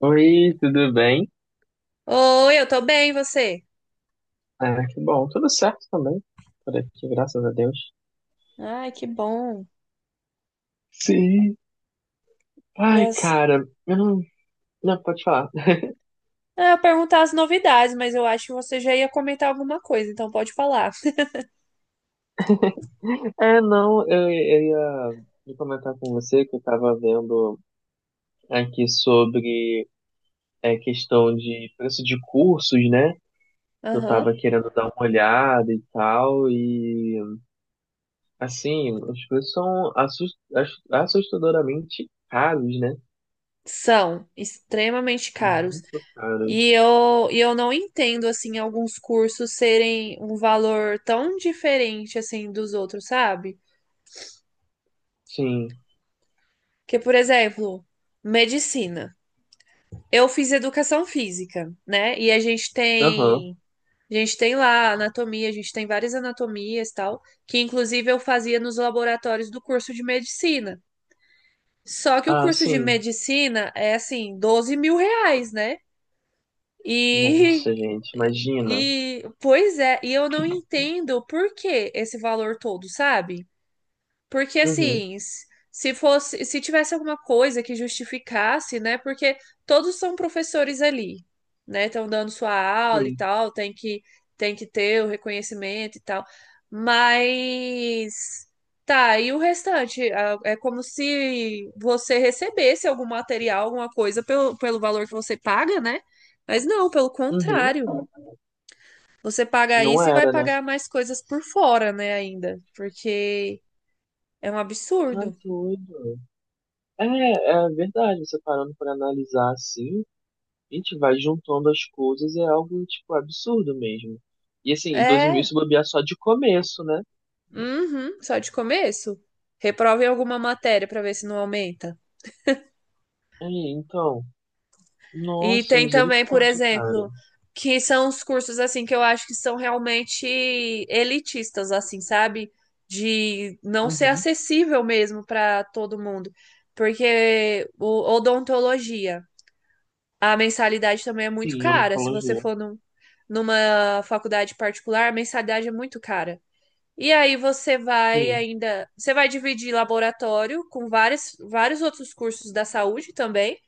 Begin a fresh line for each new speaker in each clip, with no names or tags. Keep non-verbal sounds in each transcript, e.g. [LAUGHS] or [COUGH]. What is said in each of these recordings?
Oi, tudo bem?
Oi, eu tô bem, e você?
Ah, que bom, tudo certo também, por aqui, graças a Deus.
Ai, que bom.
Sim.
E
Ai,
as...
cara, eu não... Não, pode falar.
Ah, eu ia perguntar as novidades, mas eu acho que você já ia comentar alguma coisa, então pode falar.
[LAUGHS] Não, eu ia comentar com você que eu tava vendo aqui sobre a questão de preço de cursos, né? Eu
Aham.
tava querendo dar uma olhada e tal, e assim, os preços são assustadoramente caros, né?
São extremamente caros.
Muito
E
caros.
eu, e eu não entendo, assim, alguns cursos serem um valor tão diferente, assim, dos outros, sabe?
Sim,
Que, por exemplo, medicina. Eu fiz educação física, né? E a gente
aham.
tem. A gente tem lá anatomia, a gente tem várias anatomias e tal, que inclusive eu fazia nos laboratórios do curso de medicina. Só que o
Ah,
curso de
sim.
medicina é assim, R$ 12.000, né? E,
Nossa, gente,
[LAUGHS]
imagina.
e pois é, e eu não entendo por que esse valor todo, sabe? Porque
Uhum,
assim, se fosse, se tivesse alguma coisa que justificasse, né? Porque todos são professores ali, né? Estão dando sua aula e
sim.
tal, tem que ter o reconhecimento e tal. Mas tá, e o restante? Ah, é como se você recebesse algum material, alguma coisa pelo, pelo valor que você paga, né? Mas não, pelo
Uhum.
contrário. Você paga
Não
isso e vai
era, né?
pagar mais coisas por fora, né, ainda. Porque é um
Tá
absurdo.
doido. É, é verdade. Você parando pra analisar assim, a gente vai juntando as coisas, é algo, tipo, absurdo mesmo. E assim, e 12 mil
É,
se bobear só de começo, né?
uhum, só de começo. Reprova em alguma matéria para ver se não aumenta.
É, então.
E
Nossa,
tem também, por
misericórdia, cara.
exemplo, que são os cursos assim que eu acho que são realmente elitistas, assim, sabe? De não ser
Uhum.
acessível mesmo para todo mundo. Porque o odontologia, a mensalidade também é muito
Sim,
cara. Se você
oncologia.
for num, numa faculdade particular, a mensalidade é muito cara. E aí você vai
Sim.
ainda, você vai dividir laboratório com vários outros cursos da saúde também,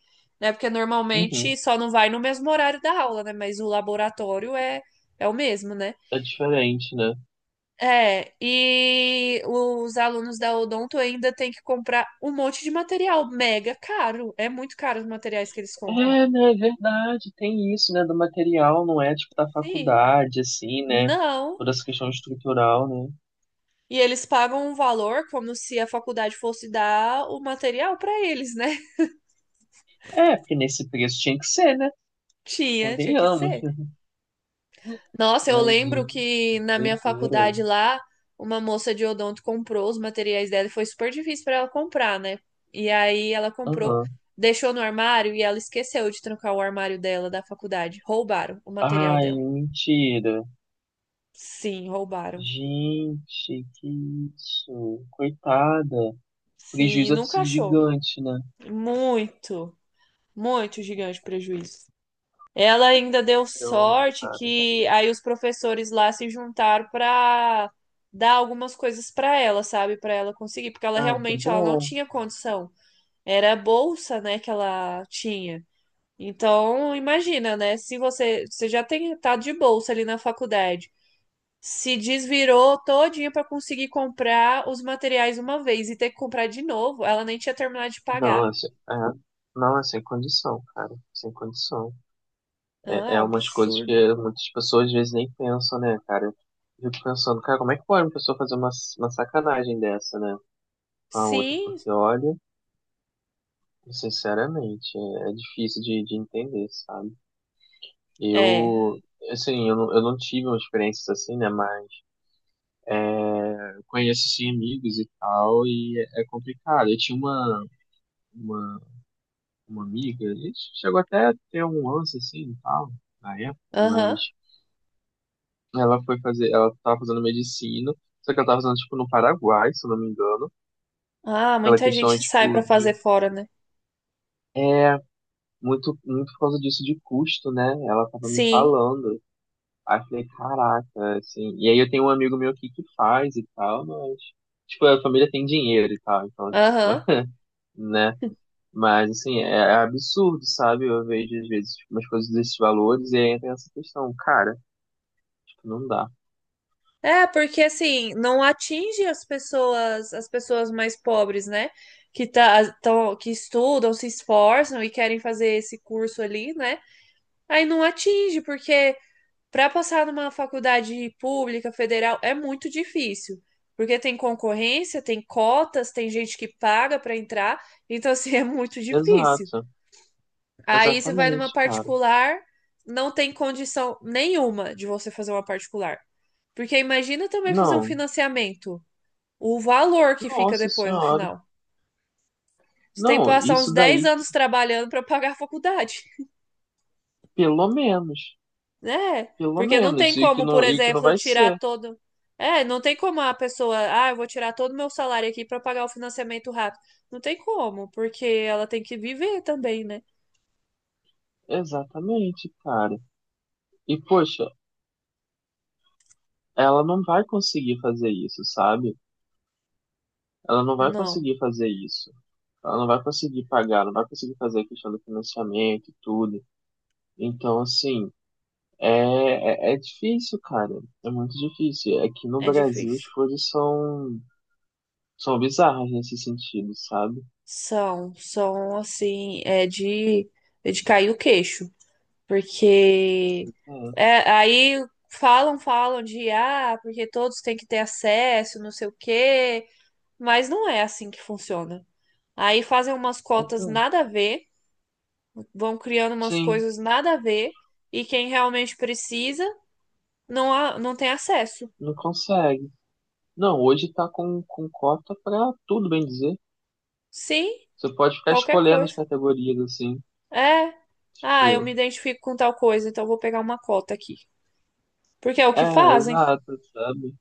né? Porque normalmente
Uhum.
só não vai no mesmo horário da aula, né? Mas o laboratório é, é o mesmo, né?
É diferente, né?
É, e os alunos da Odonto ainda têm que comprar um monte de material mega caro. É muito caro os materiais que eles compram.
É, né, é verdade, tem isso, né, do material, não é, tipo, da
Sim,
faculdade, assim, né,
não.
toda essa questão estrutural, né.
E eles pagam um valor como se a faculdade fosse dar o material para eles, né?
É, porque nesse preço tinha que ser, né,
[LAUGHS] Tinha, tinha que
convenhamos,
ser. Nossa, eu
mas,
lembro
gente, que
que na minha
doideira.
faculdade lá, uma moça de odonto comprou os materiais dela e foi super difícil para ela comprar, né? E aí ela comprou,
Aham.
deixou no armário e ela esqueceu de trancar o armário dela da faculdade. Roubaram o material
Ai,
dela.
mentira.
Sim, roubaram.
Gente, que isso, coitada.
Sim,
Prejuízo deve ter
nunca
sido
achou.
gigante, né,
Muito, muito gigante prejuízo. Ela ainda deu
caramba,
sorte
cara.
que aí os professores lá se juntaram para dar algumas coisas para ela, sabe? Para ela conseguir, porque ela
Ai, que
realmente ela não
bom.
tinha condição. Era a bolsa, né, que ela tinha. Então, imagina, né? Se você, você já tem tá de bolsa ali na faculdade, se desvirou todinha para conseguir comprar os materiais uma vez e ter que comprar de novo, ela nem tinha terminado de pagar.
Nossa, é, não, é sem condição, cara, sem condição.
Ah,
É,
é um
é umas coisas
absurdo.
que muitas pessoas às vezes nem pensam, né, cara? Eu fico pensando, cara, como é que pode uma pessoa fazer uma sacanagem dessa, né, com a outra?
Sim,
Porque, olha, sinceramente, é difícil de entender, sabe?
é.
Eu, assim, eu não tive uma experiência assim, né, mas eu conheço, sim amigos e tal, e é complicado. Eu tinha uma, uma amiga, a gente chegou até a ter um lance, assim, e tal, na época, mas
Aham.
ela foi fazer, ela tava fazendo medicina, só que ela tava fazendo, tipo, no Paraguai, se eu não me engano.
Ah,
Aquela
muita
questão,
gente sai pra
tipo,
fazer
de
fora, né?
muito por causa disso de custo, né? Ela tava me
Sim.
falando. Aí eu falei, caraca, assim. E aí eu tenho um amigo meu aqui que faz e tal, mas, tipo, a família tem dinheiro e tal, então, tipo,
Aham.
[LAUGHS] né? Mas, assim, é absurdo, sabe? Eu vejo, às vezes, tipo, umas coisas desses valores e aí entra essa questão, cara, tipo, não dá.
É, porque assim, não atinge as pessoas mais pobres, né? Que que estudam, se esforçam e querem fazer esse curso ali, né? Aí não atinge, porque para passar numa faculdade pública, federal, é muito difícil. Porque tem concorrência, tem cotas, tem gente que paga para entrar, então assim, [LAUGHS] é muito difícil.
Exato,
Aí você vai numa
exatamente, cara.
particular, não tem condição nenhuma de você fazer uma particular. Porque imagina também fazer um
Não.
financiamento. O valor que fica
Nossa
depois no
senhora.
final. Você tem que
Não,
passar uns
isso
10
daí,
anos trabalhando para pagar a faculdade,
pelo menos.
né?
Pelo
Porque não tem
menos.
como, por
E que não
exemplo,
vai
tirar
ser.
todo. É, não tem como a pessoa, ah, eu vou tirar todo o meu salário aqui para pagar o financiamento rápido. Não tem como, porque ela tem que viver também, né?
Exatamente, cara. E, poxa, ela não vai conseguir fazer isso, sabe? Ela não vai
Não,
conseguir fazer isso. Ela não vai conseguir pagar, não vai conseguir fazer a questão do financiamento e tudo. Então, assim, é, é difícil, cara. É muito difícil. Aqui no
é
Brasil
difícil.
são bizarras nesse sentido, sabe?
São, são assim, é de cair o queixo, porque
Então,
é, aí falam, falam de ah, porque todos têm que ter acesso, não sei o quê, mas não é assim que funciona. Aí fazem umas cotas
então,
nada a ver, vão criando umas
sim,
coisas nada a ver, e quem realmente precisa não, não tem acesso.
não consegue. Não, hoje tá com cota pra tudo, bem dizer.
Sim,
Você pode ficar
qualquer
escolhendo as
coisa.
categorias, assim.
É, ah, eu
Tipo,
me identifico com tal coisa, então eu vou pegar uma cota aqui. Porque é o
é,
que fazem.
exato, sabe?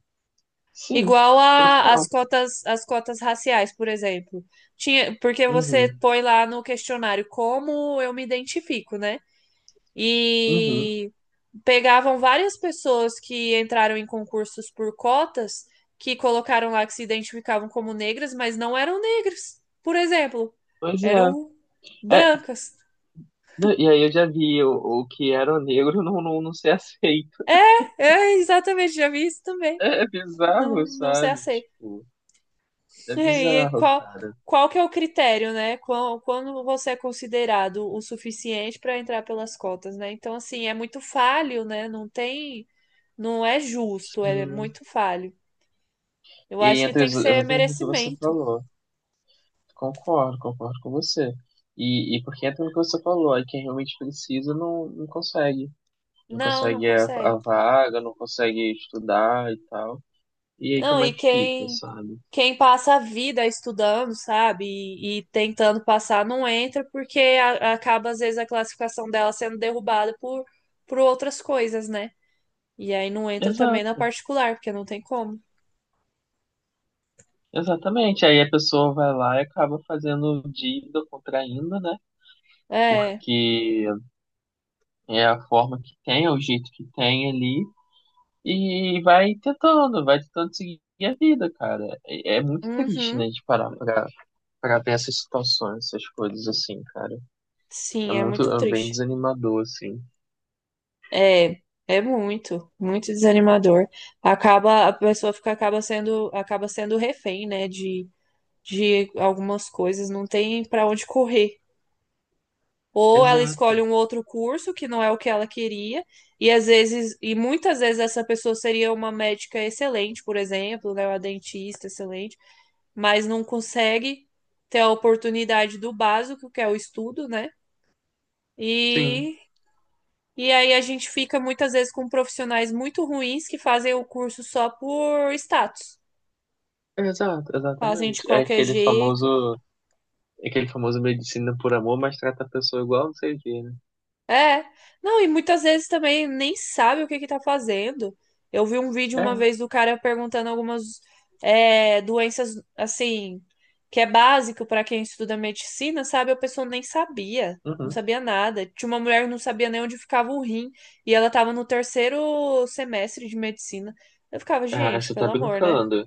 Sim,
Igual a,
total.
as cotas raciais, por exemplo. Tinha, porque você
Uhum,
põe lá no questionário como eu me identifico, né?
uhum.
E pegavam várias pessoas que entraram em concursos por cotas, que colocaram lá que se identificavam como negras, mas não eram negras, por exemplo.
Pois é.
Eram
É,
brancas.
né, e aí eu já vi o que era o negro não ser [LAUGHS] aceito.
É, é, exatamente, já vi isso também.
É é
Não,
bizarro,
não se
sabe?
aceita.
Tipo, é
É, e
bizarro, cara.
qual que é o critério, né? Quando você é considerado o suficiente para entrar pelas cotas, né? Então, assim, é muito falho, né? Não tem, não é justo, é
Sim.
muito falho. Eu
E aí
acho que
entra
tem que ser
exatamente o que você
merecimento.
falou. Concordo, concordo com você. E porque entra no que você falou, aí quem realmente precisa não consegue. Não
Não, não
consegue a
consegue.
vaga, não consegue estudar e tal. E aí
Não,
como é
e
que fica,
quem
sabe?
quem passa a vida estudando, sabe? E tentando passar, não entra porque acaba às vezes a classificação dela sendo derrubada por outras coisas, né? E aí não entra também na
Exato,
particular, porque não tem como.
exatamente. Aí a pessoa vai lá e acaba fazendo dívida, contraindo, né?
É,
Porque é a forma que tem, é o jeito que tem ali, e vai tentando seguir a vida, cara. É muito triste,
uhum,
né, de parar pra ver essas situações, essas coisas assim, cara. É
sim, é
muito,
muito
é bem
triste.
desanimador, assim.
É, é muito, muito desanimador. Acaba, a pessoa fica, acaba sendo refém, né, de algumas coisas, não tem pra onde correr. Ou ela escolhe
Exato,
um outro curso que não é o que ela queria, e às vezes, e muitas vezes essa pessoa seria uma médica excelente, por exemplo, né, uma dentista excelente, mas não consegue ter a oportunidade do básico, que é o estudo, né?
sim.
E aí a gente fica muitas vezes com profissionais muito ruins que fazem o curso só por status.
Exato,
Fazem de
exatamente.
qualquer jeito.
É aquele famoso medicina por amor, mas trata a pessoa igual não sei o quê, né?
É. Não, e muitas vezes também nem sabe o que que tá fazendo. Eu vi um vídeo uma
É,
vez do cara perguntando algumas doenças, assim, que é básico para quem estuda medicina, sabe? A pessoa nem sabia. Não
uhum.
sabia nada. Tinha uma mulher que não sabia nem onde ficava o rim. E ela tava no terceiro semestre de medicina. Eu ficava,
Ah,
gente,
você tá
pelo amor, né?
brincando.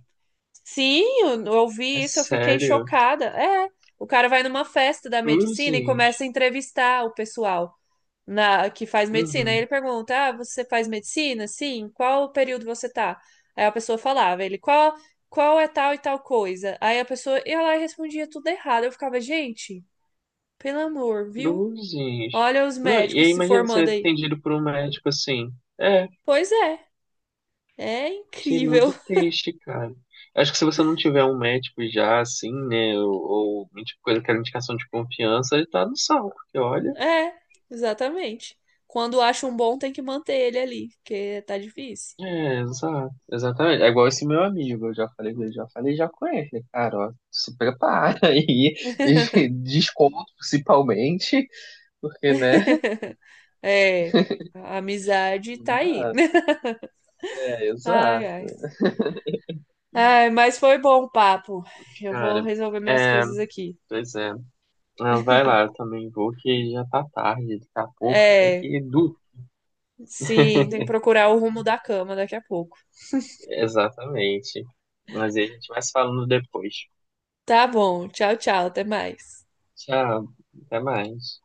Sim, eu
É
ouvi isso, eu fiquei
sério.
chocada. É, o cara vai numa festa da medicina e
Cruzes.
começa a entrevistar o pessoal na que faz medicina. Aí
Uhum.
ele pergunta: "Ah, você faz medicina? Sim, qual período você tá?" Aí a pessoa falava, ele, qual é tal e tal coisa? Aí a pessoa ia lá e respondia tudo errado. Eu ficava, gente, pelo amor, viu?
Cruzes.
Olha os
Não, e
médicos
aí
se
imagina
formando
ser
aí.
atendido por um médico assim. É,
Pois é, é
que é muito
incrível.
triste, cara. Acho que se você não tiver um médico já, assim, né, ou tipo, coisa que era indicação de confiança, ele tá no saco, porque olha.
É, exatamente. Quando acha um bom, tem que manter ele ali, porque tá difícil.
É, exato, exatamente. É igual esse meu amigo, eu já falei, já conhece, né, cara, ó, se prepara aí, e [LAUGHS] desconto principalmente, porque, né,
[LAUGHS] É, a amizade tá
não
aí.
dá.
[LAUGHS]
É,
Ai, ai.
exato.
Ai, mas foi bom o papo. Eu vou
Cara,
resolver minhas
é,
coisas aqui.
pois é. Ah, vai lá, eu também vou, que já tá tarde, daqui a pouco tem que
É,
ir, do...
sim, tem que procurar o rumo da cama daqui a pouco.
Exatamente, mas aí a gente vai se falando depois.
Tá bom, tchau, tchau, até mais.
Tchau, até mais.